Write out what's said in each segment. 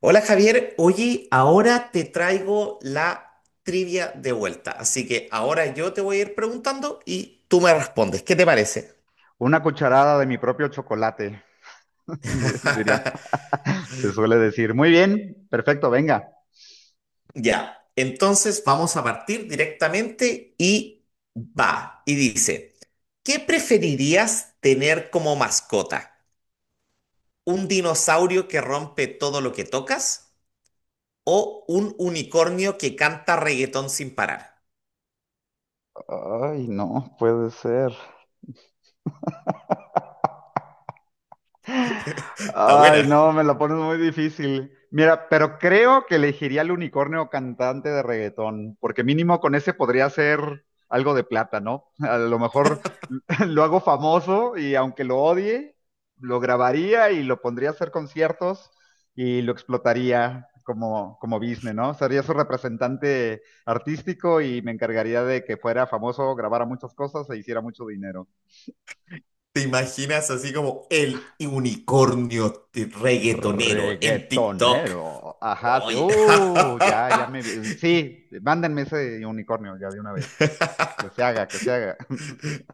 Hola Javier, oye, ahora te traigo la trivia de vuelta, así que ahora yo te voy a ir preguntando y tú me respondes, ¿qué te parece? Una cucharada de mi propio chocolate, diría, se suele decir. Muy bien, perfecto, venga. Ya, entonces vamos a partir directamente y dice, ¿qué preferirías tener como mascota? ¿Un dinosaurio que rompe todo lo que tocas o un unicornio que canta reggaetón sin parar? Ay, no, puede ser. Está Ay, buena. no, me la pones muy difícil. Mira, pero creo que elegiría al unicornio cantante de reggaetón, porque mínimo con ese podría ser algo de plata, ¿no? A lo mejor lo hago famoso y aunque lo odie, lo grabaría y lo pondría a hacer conciertos y lo explotaría como, como business, ¿no? Sería su representante artístico y me encargaría de que fuera famoso, grabara muchas cosas e hiciera mucho dinero. ¿Te imaginas así como el unicornio reggaetonero en TikTok? Reggaetonero. Ajá, sí. Oye. Ya, me vi. Sí, mándenme ese unicornio ya de una vez. Que se haga, que se haga.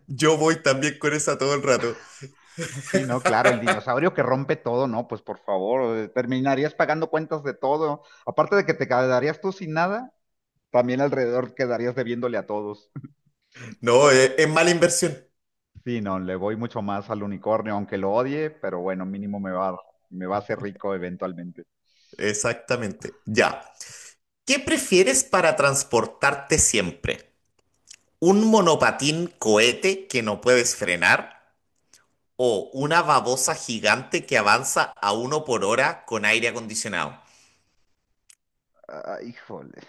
Yo voy también con esa todo el rato. Sí, no, claro, el dinosaurio que rompe todo, no, pues por favor, terminarías pagando cuentas de todo. Aparte de que te quedarías tú sin nada, también alrededor quedarías debiéndole a todos. No, es, mala inversión. Sí, no, le voy mucho más al unicornio, aunque lo odie, pero bueno, me va a hacer rico eventualmente. Exactamente. Ya. ¿Qué prefieres para transportarte siempre? ¿Un monopatín cohete que no puedes frenar o una babosa gigante que avanza a uno por hora con aire acondicionado? Ay, híjole.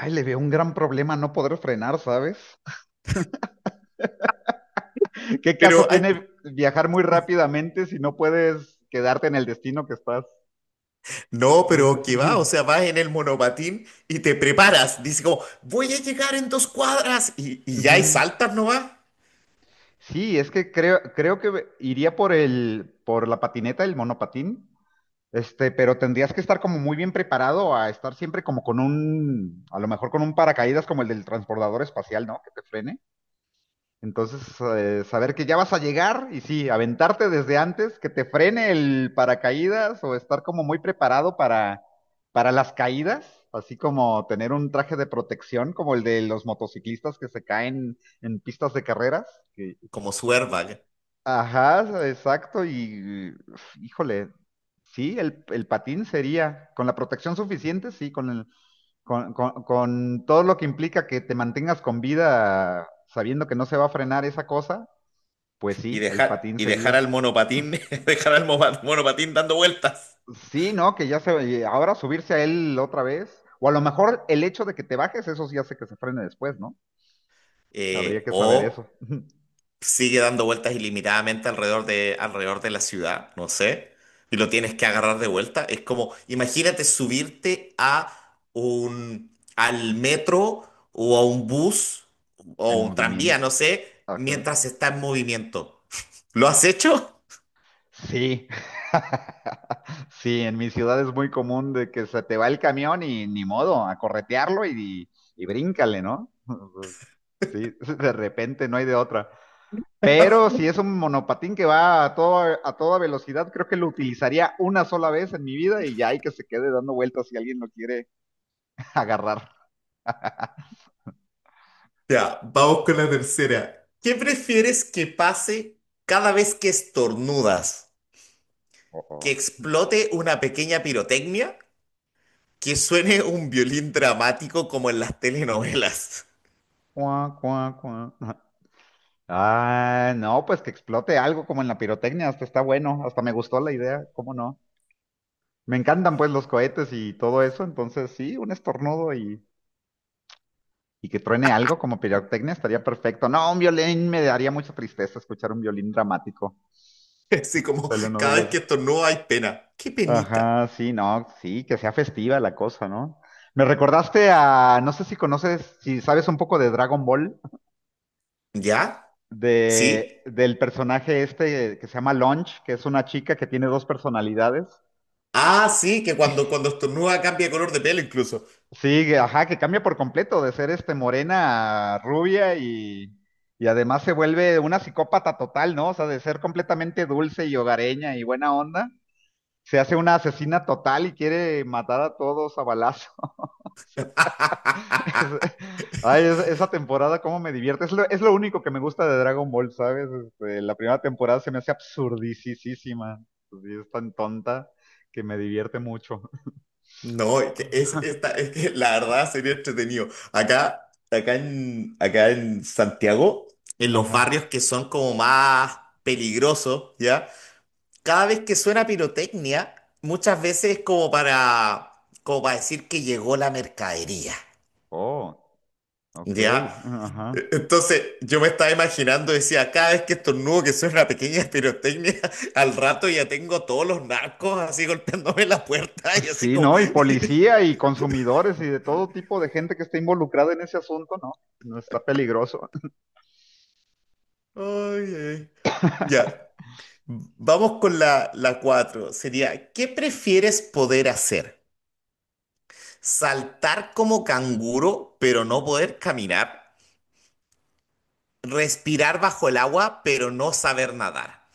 Ay, le veo un gran problema no poder frenar, ¿sabes? ¿Qué caso Pero hay tiene viajar muy rápidamente si no puedes quedarte en el destino que estás? No, pero que va, o sea, vas en el monopatín y te preparas. Dice como, voy a llegar en dos cuadras. Y ya, y Ujú. saltas, ¿no va? Sí, es que creo que iría por la patineta, el monopatín, este, pero tendrías que estar como muy bien preparado a estar siempre como con un, a lo mejor con un paracaídas como el del transbordador espacial, ¿no? Que te frene. Entonces, saber que ya vas a llegar y sí, aventarte desde antes, que te frene el paracaídas o estar como muy preparado para las caídas, así como tener un traje de protección como el de los motociclistas que se caen en pistas de carreras. Que Como su airbag. ajá, exacto, y uf, híjole, sí, el patín sería, con la protección suficiente, sí, con el, con todo lo que implica que te mantengas con vida sabiendo que no se va a frenar esa cosa, pues sí, el patín Y dejar sería. al monopatín, dejar al monopatín dando vueltas. Sí, ¿no? Que ya se, y ahora subirse a él otra vez, o a lo mejor el hecho de que te bajes, eso sí hace que se frene después, ¿no? Habría Eh, que saber eso, o sigue dando vueltas ilimitadamente alrededor de la ciudad, no sé, y lo tienes que agarrar de vuelta. Es como, imagínate subirte a un, al metro o a un bus o en un tranvía, no movimiento. sé, Ajá. mientras está en movimiento. ¿Lo has hecho? Sí, sí, en mi ciudad es muy común de que se te va el camión y ni modo, a corretearlo y bríncale, ¿no? Sí, de repente no hay de otra. Pero si es un monopatín que va a a toda velocidad, creo que lo utilizaría una sola vez en mi vida y ya hay que se quede dando vueltas si alguien lo quiere agarrar. Ya, vamos con la tercera. ¿Qué prefieres que pase cada vez que estornudas? ¿Que Ojo. explote una pequeña pirotecnia? ¿Que suene un violín dramático como en las telenovelas? Cuá, cuá, cuá. Ah, no, pues que explote algo como en la pirotecnia, hasta está bueno, hasta me gustó la idea, ¿cómo no? Me encantan pues los cohetes y todo eso, entonces sí, un estornudo y que truene algo como pirotecnia estaría perfecto. No, un violín me daría mucha tristeza escuchar un violín dramático, Así como cada vez que telenovelesco. estornuda hay pena. ¡Qué penita! Ajá, sí, no, sí, que sea festiva la cosa, ¿no? Me recordaste a, no sé si conoces, si sabes un poco de Dragon Ball, ¿Ya? ¿Sí? del personaje este que se llama Launch, que es una chica que tiene dos personalidades. Ah, sí, que cuando estornuda cambia de color de pelo incluso. Sí, ajá, que cambia por completo de ser este morena a rubia y además se vuelve una psicópata total, ¿no? O sea, de ser completamente dulce y hogareña y buena onda, se hace una asesina total y quiere matar a todos a balazo. Es- Ay, esa temporada, cómo me divierte. Es lo único que me gusta de Dragon Ball, ¿sabes? Este, la primera temporada se me hace absurdicísima. Sí, es tan tonta que me divierte mucho. No, es que la verdad sería entretenido. Acá en Santiago, en los Ajá. barrios que son como más peligrosos, ¿ya? Cada vez que suena pirotecnia, muchas veces es como para, como para decir que llegó la mercadería, Oh, ok. ¿ya? Ajá. Entonces yo me estaba imaginando, decía, cada vez que estornudo que suena una pequeña pirotecnia, al rato ya tengo todos los narcos así golpeándome la puerta Pues y así sí, como, ¿no? Y policía y consumidores y de todo tipo de gente que esté involucrada en ese asunto, ¿no? No, está peligroso. "ay, ay". Ya, vamos con la, la cuatro. Sería, ¿qué prefieres poder hacer? ¿Saltar como canguro, pero no poder caminar? ¿Respirar bajo el agua, pero no saber nadar?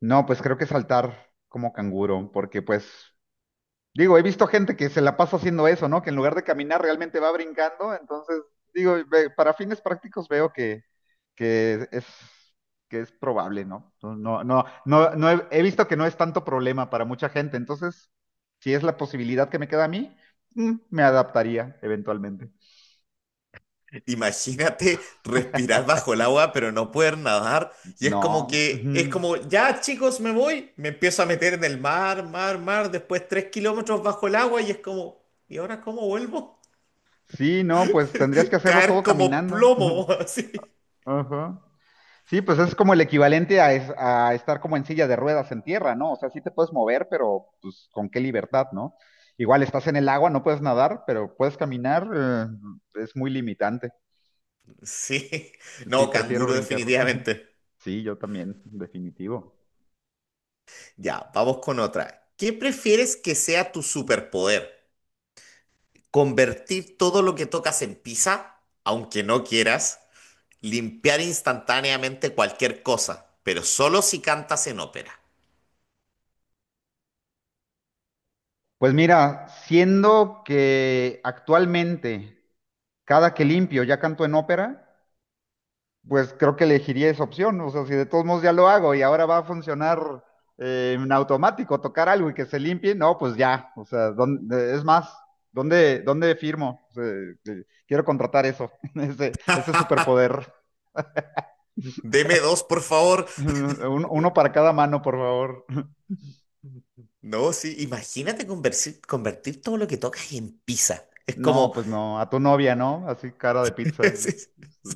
No, pues creo que saltar como canguro, porque pues, digo, he visto gente que se la pasa haciendo eso, ¿no? Que en lugar de caminar realmente va brincando, entonces, digo, para fines prácticos veo que es, que es probable, ¿no? He visto que no es tanto problema para mucha gente, entonces, si es la posibilidad que me queda a mí, me adaptaría eventualmente. Imagínate respirar bajo el agua, pero no poder nadar. Y No. Es Ujú. como, ya chicos, me voy. Me empiezo a meter en el mar, mar, mar. Después 3 kilómetros bajo el agua y es como, ¿y ahora cómo vuelvo? Sí, no, pues tendrías que hacerlo Caer todo como caminando. plomo, así. Ajá. Sí, pues es como el equivalente a estar como en silla de ruedas en tierra, ¿no? O sea, sí te puedes mover, pero pues con qué libertad, ¿no? Igual estás en el agua, no puedes nadar, pero puedes caminar, es muy limitante. Sí. Sí, No, prefiero canguro brincar. definitivamente. Sí, yo también, definitivo. Ya, vamos con otra. ¿Qué prefieres que sea tu superpoder? ¿Convertir todo lo que tocas en pizza, aunque no quieras? ¿Limpiar instantáneamente cualquier cosa, pero solo si cantas en ópera? Pues mira, siendo que actualmente cada que limpio ya canto en ópera, pues creo que elegiría esa opción. O sea, si de todos modos ya lo hago y ahora va a funcionar en automático tocar algo y que se limpie, no, pues ya. O sea, es más, dónde firmo? O sea, quiero contratar eso, ese superpoder. Deme dos, por favor. Uno para cada mano, por favor. No, sí, imagínate convertir todo lo que tocas en pizza. Es No, como, pues no, a tu novia, ¿no? Así cara de pizza. es- es-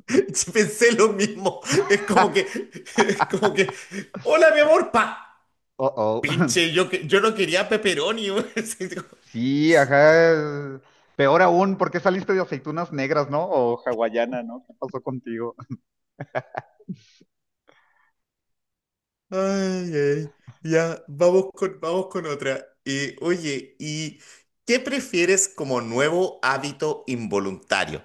pensé lo mismo. Es como que, es como que, hola, mi amor, pa. Uh-oh. Pinche, yo, yo no quería pepperoni. Sí, ajá. Peor aún, ¿por qué saliste de aceitunas negras, no? O hawaiana, ¿no? ¿Qué pasó contigo? Ay, ay. Ya, vamos con otra. Oye, ¿y qué prefieres como nuevo hábito involuntario?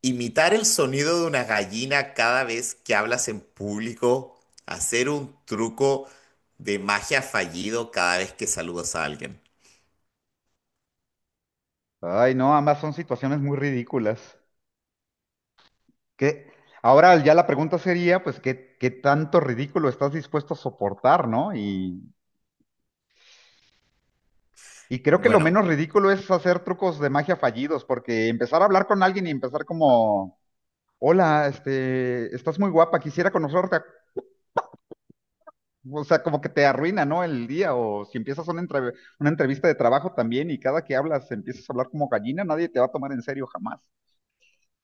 ¿Imitar el sonido de una gallina cada vez que hablas en público? ¿Hacer un truco de magia fallido cada vez que saludas a alguien? Ay, no, ambas son situaciones muy ridículas. ¿Qué? Ahora ya la pregunta sería, pues, qué tanto ridículo estás dispuesto a soportar, no? Y creo que lo Bueno, menos ridículo es hacer trucos de magia fallidos, porque empezar a hablar con alguien y empezar como, hola, este, estás muy guapa, quisiera conocerte. O sea, como que te arruina, ¿no? El día, o si empiezas una entrevista de trabajo también y cada que hablas empiezas a hablar como gallina, nadie te va a tomar en serio jamás.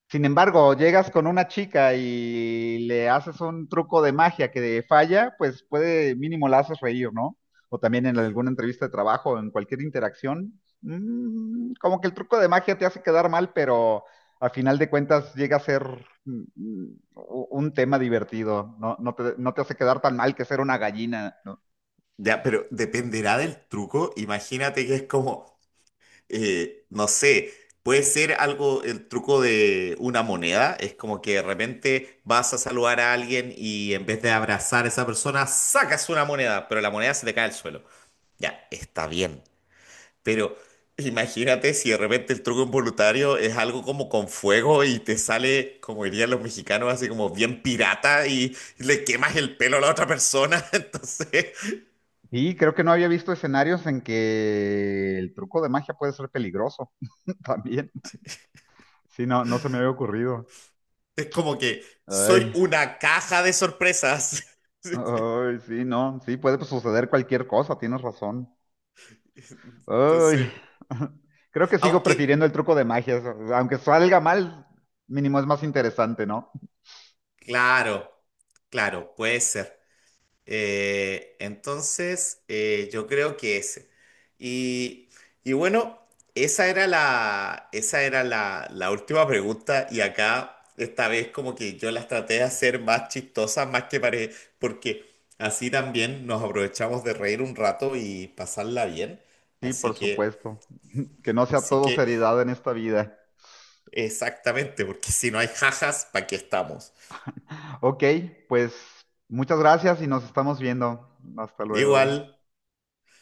Sin embargo, llegas con una chica y le haces un truco de magia que falla, pues puede mínimo la haces reír, ¿no? O también en alguna entrevista de trabajo, en cualquier interacción, como que el truco de magia te hace quedar mal, pero a final de cuentas llega a ser mm, mm, un tema divertido, no, no te hace quedar tan mal que ser una gallina, ¿no? ya, pero dependerá del truco. Imagínate que es como... no sé, puede ser algo, el truco de una moneda, es como que de repente vas a saludar a alguien y en vez de abrazar a esa persona, sacas una moneda, pero la moneda se te cae al suelo. Ya, está bien, pero imagínate si de repente el truco involuntario es algo como con fuego y te sale, como dirían los mexicanos, así como bien pirata y le quemas el pelo a la otra persona, entonces Y creo que no había visto escenarios en que el truco de magia puede ser peligroso también. Sí, no, no se me había ocurrido. es como que soy Ay, una caja de sorpresas. ay, sí, no, sí, puede pues, suceder cualquier cosa, tienes razón. Ay, Entonces, creo que sigo prefiriendo aunque, el truco de magia, eso, aunque salga mal, mínimo es más interesante, ¿no? claro, claro, puede ser. Yo creo que ese. Y, y bueno, esa era la última pregunta y acá, esta vez como que yo las traté de hacer más chistosas, más que pare, porque así también nos aprovechamos de reír un rato y pasarla bien. Sí, Así por que, supuesto, que no sea así todo que, seriedad en esta vida. exactamente, porque si no hay jajas, ¿para qué estamos? Ok, pues muchas gracias y nos estamos viendo. Hasta Igual. luego.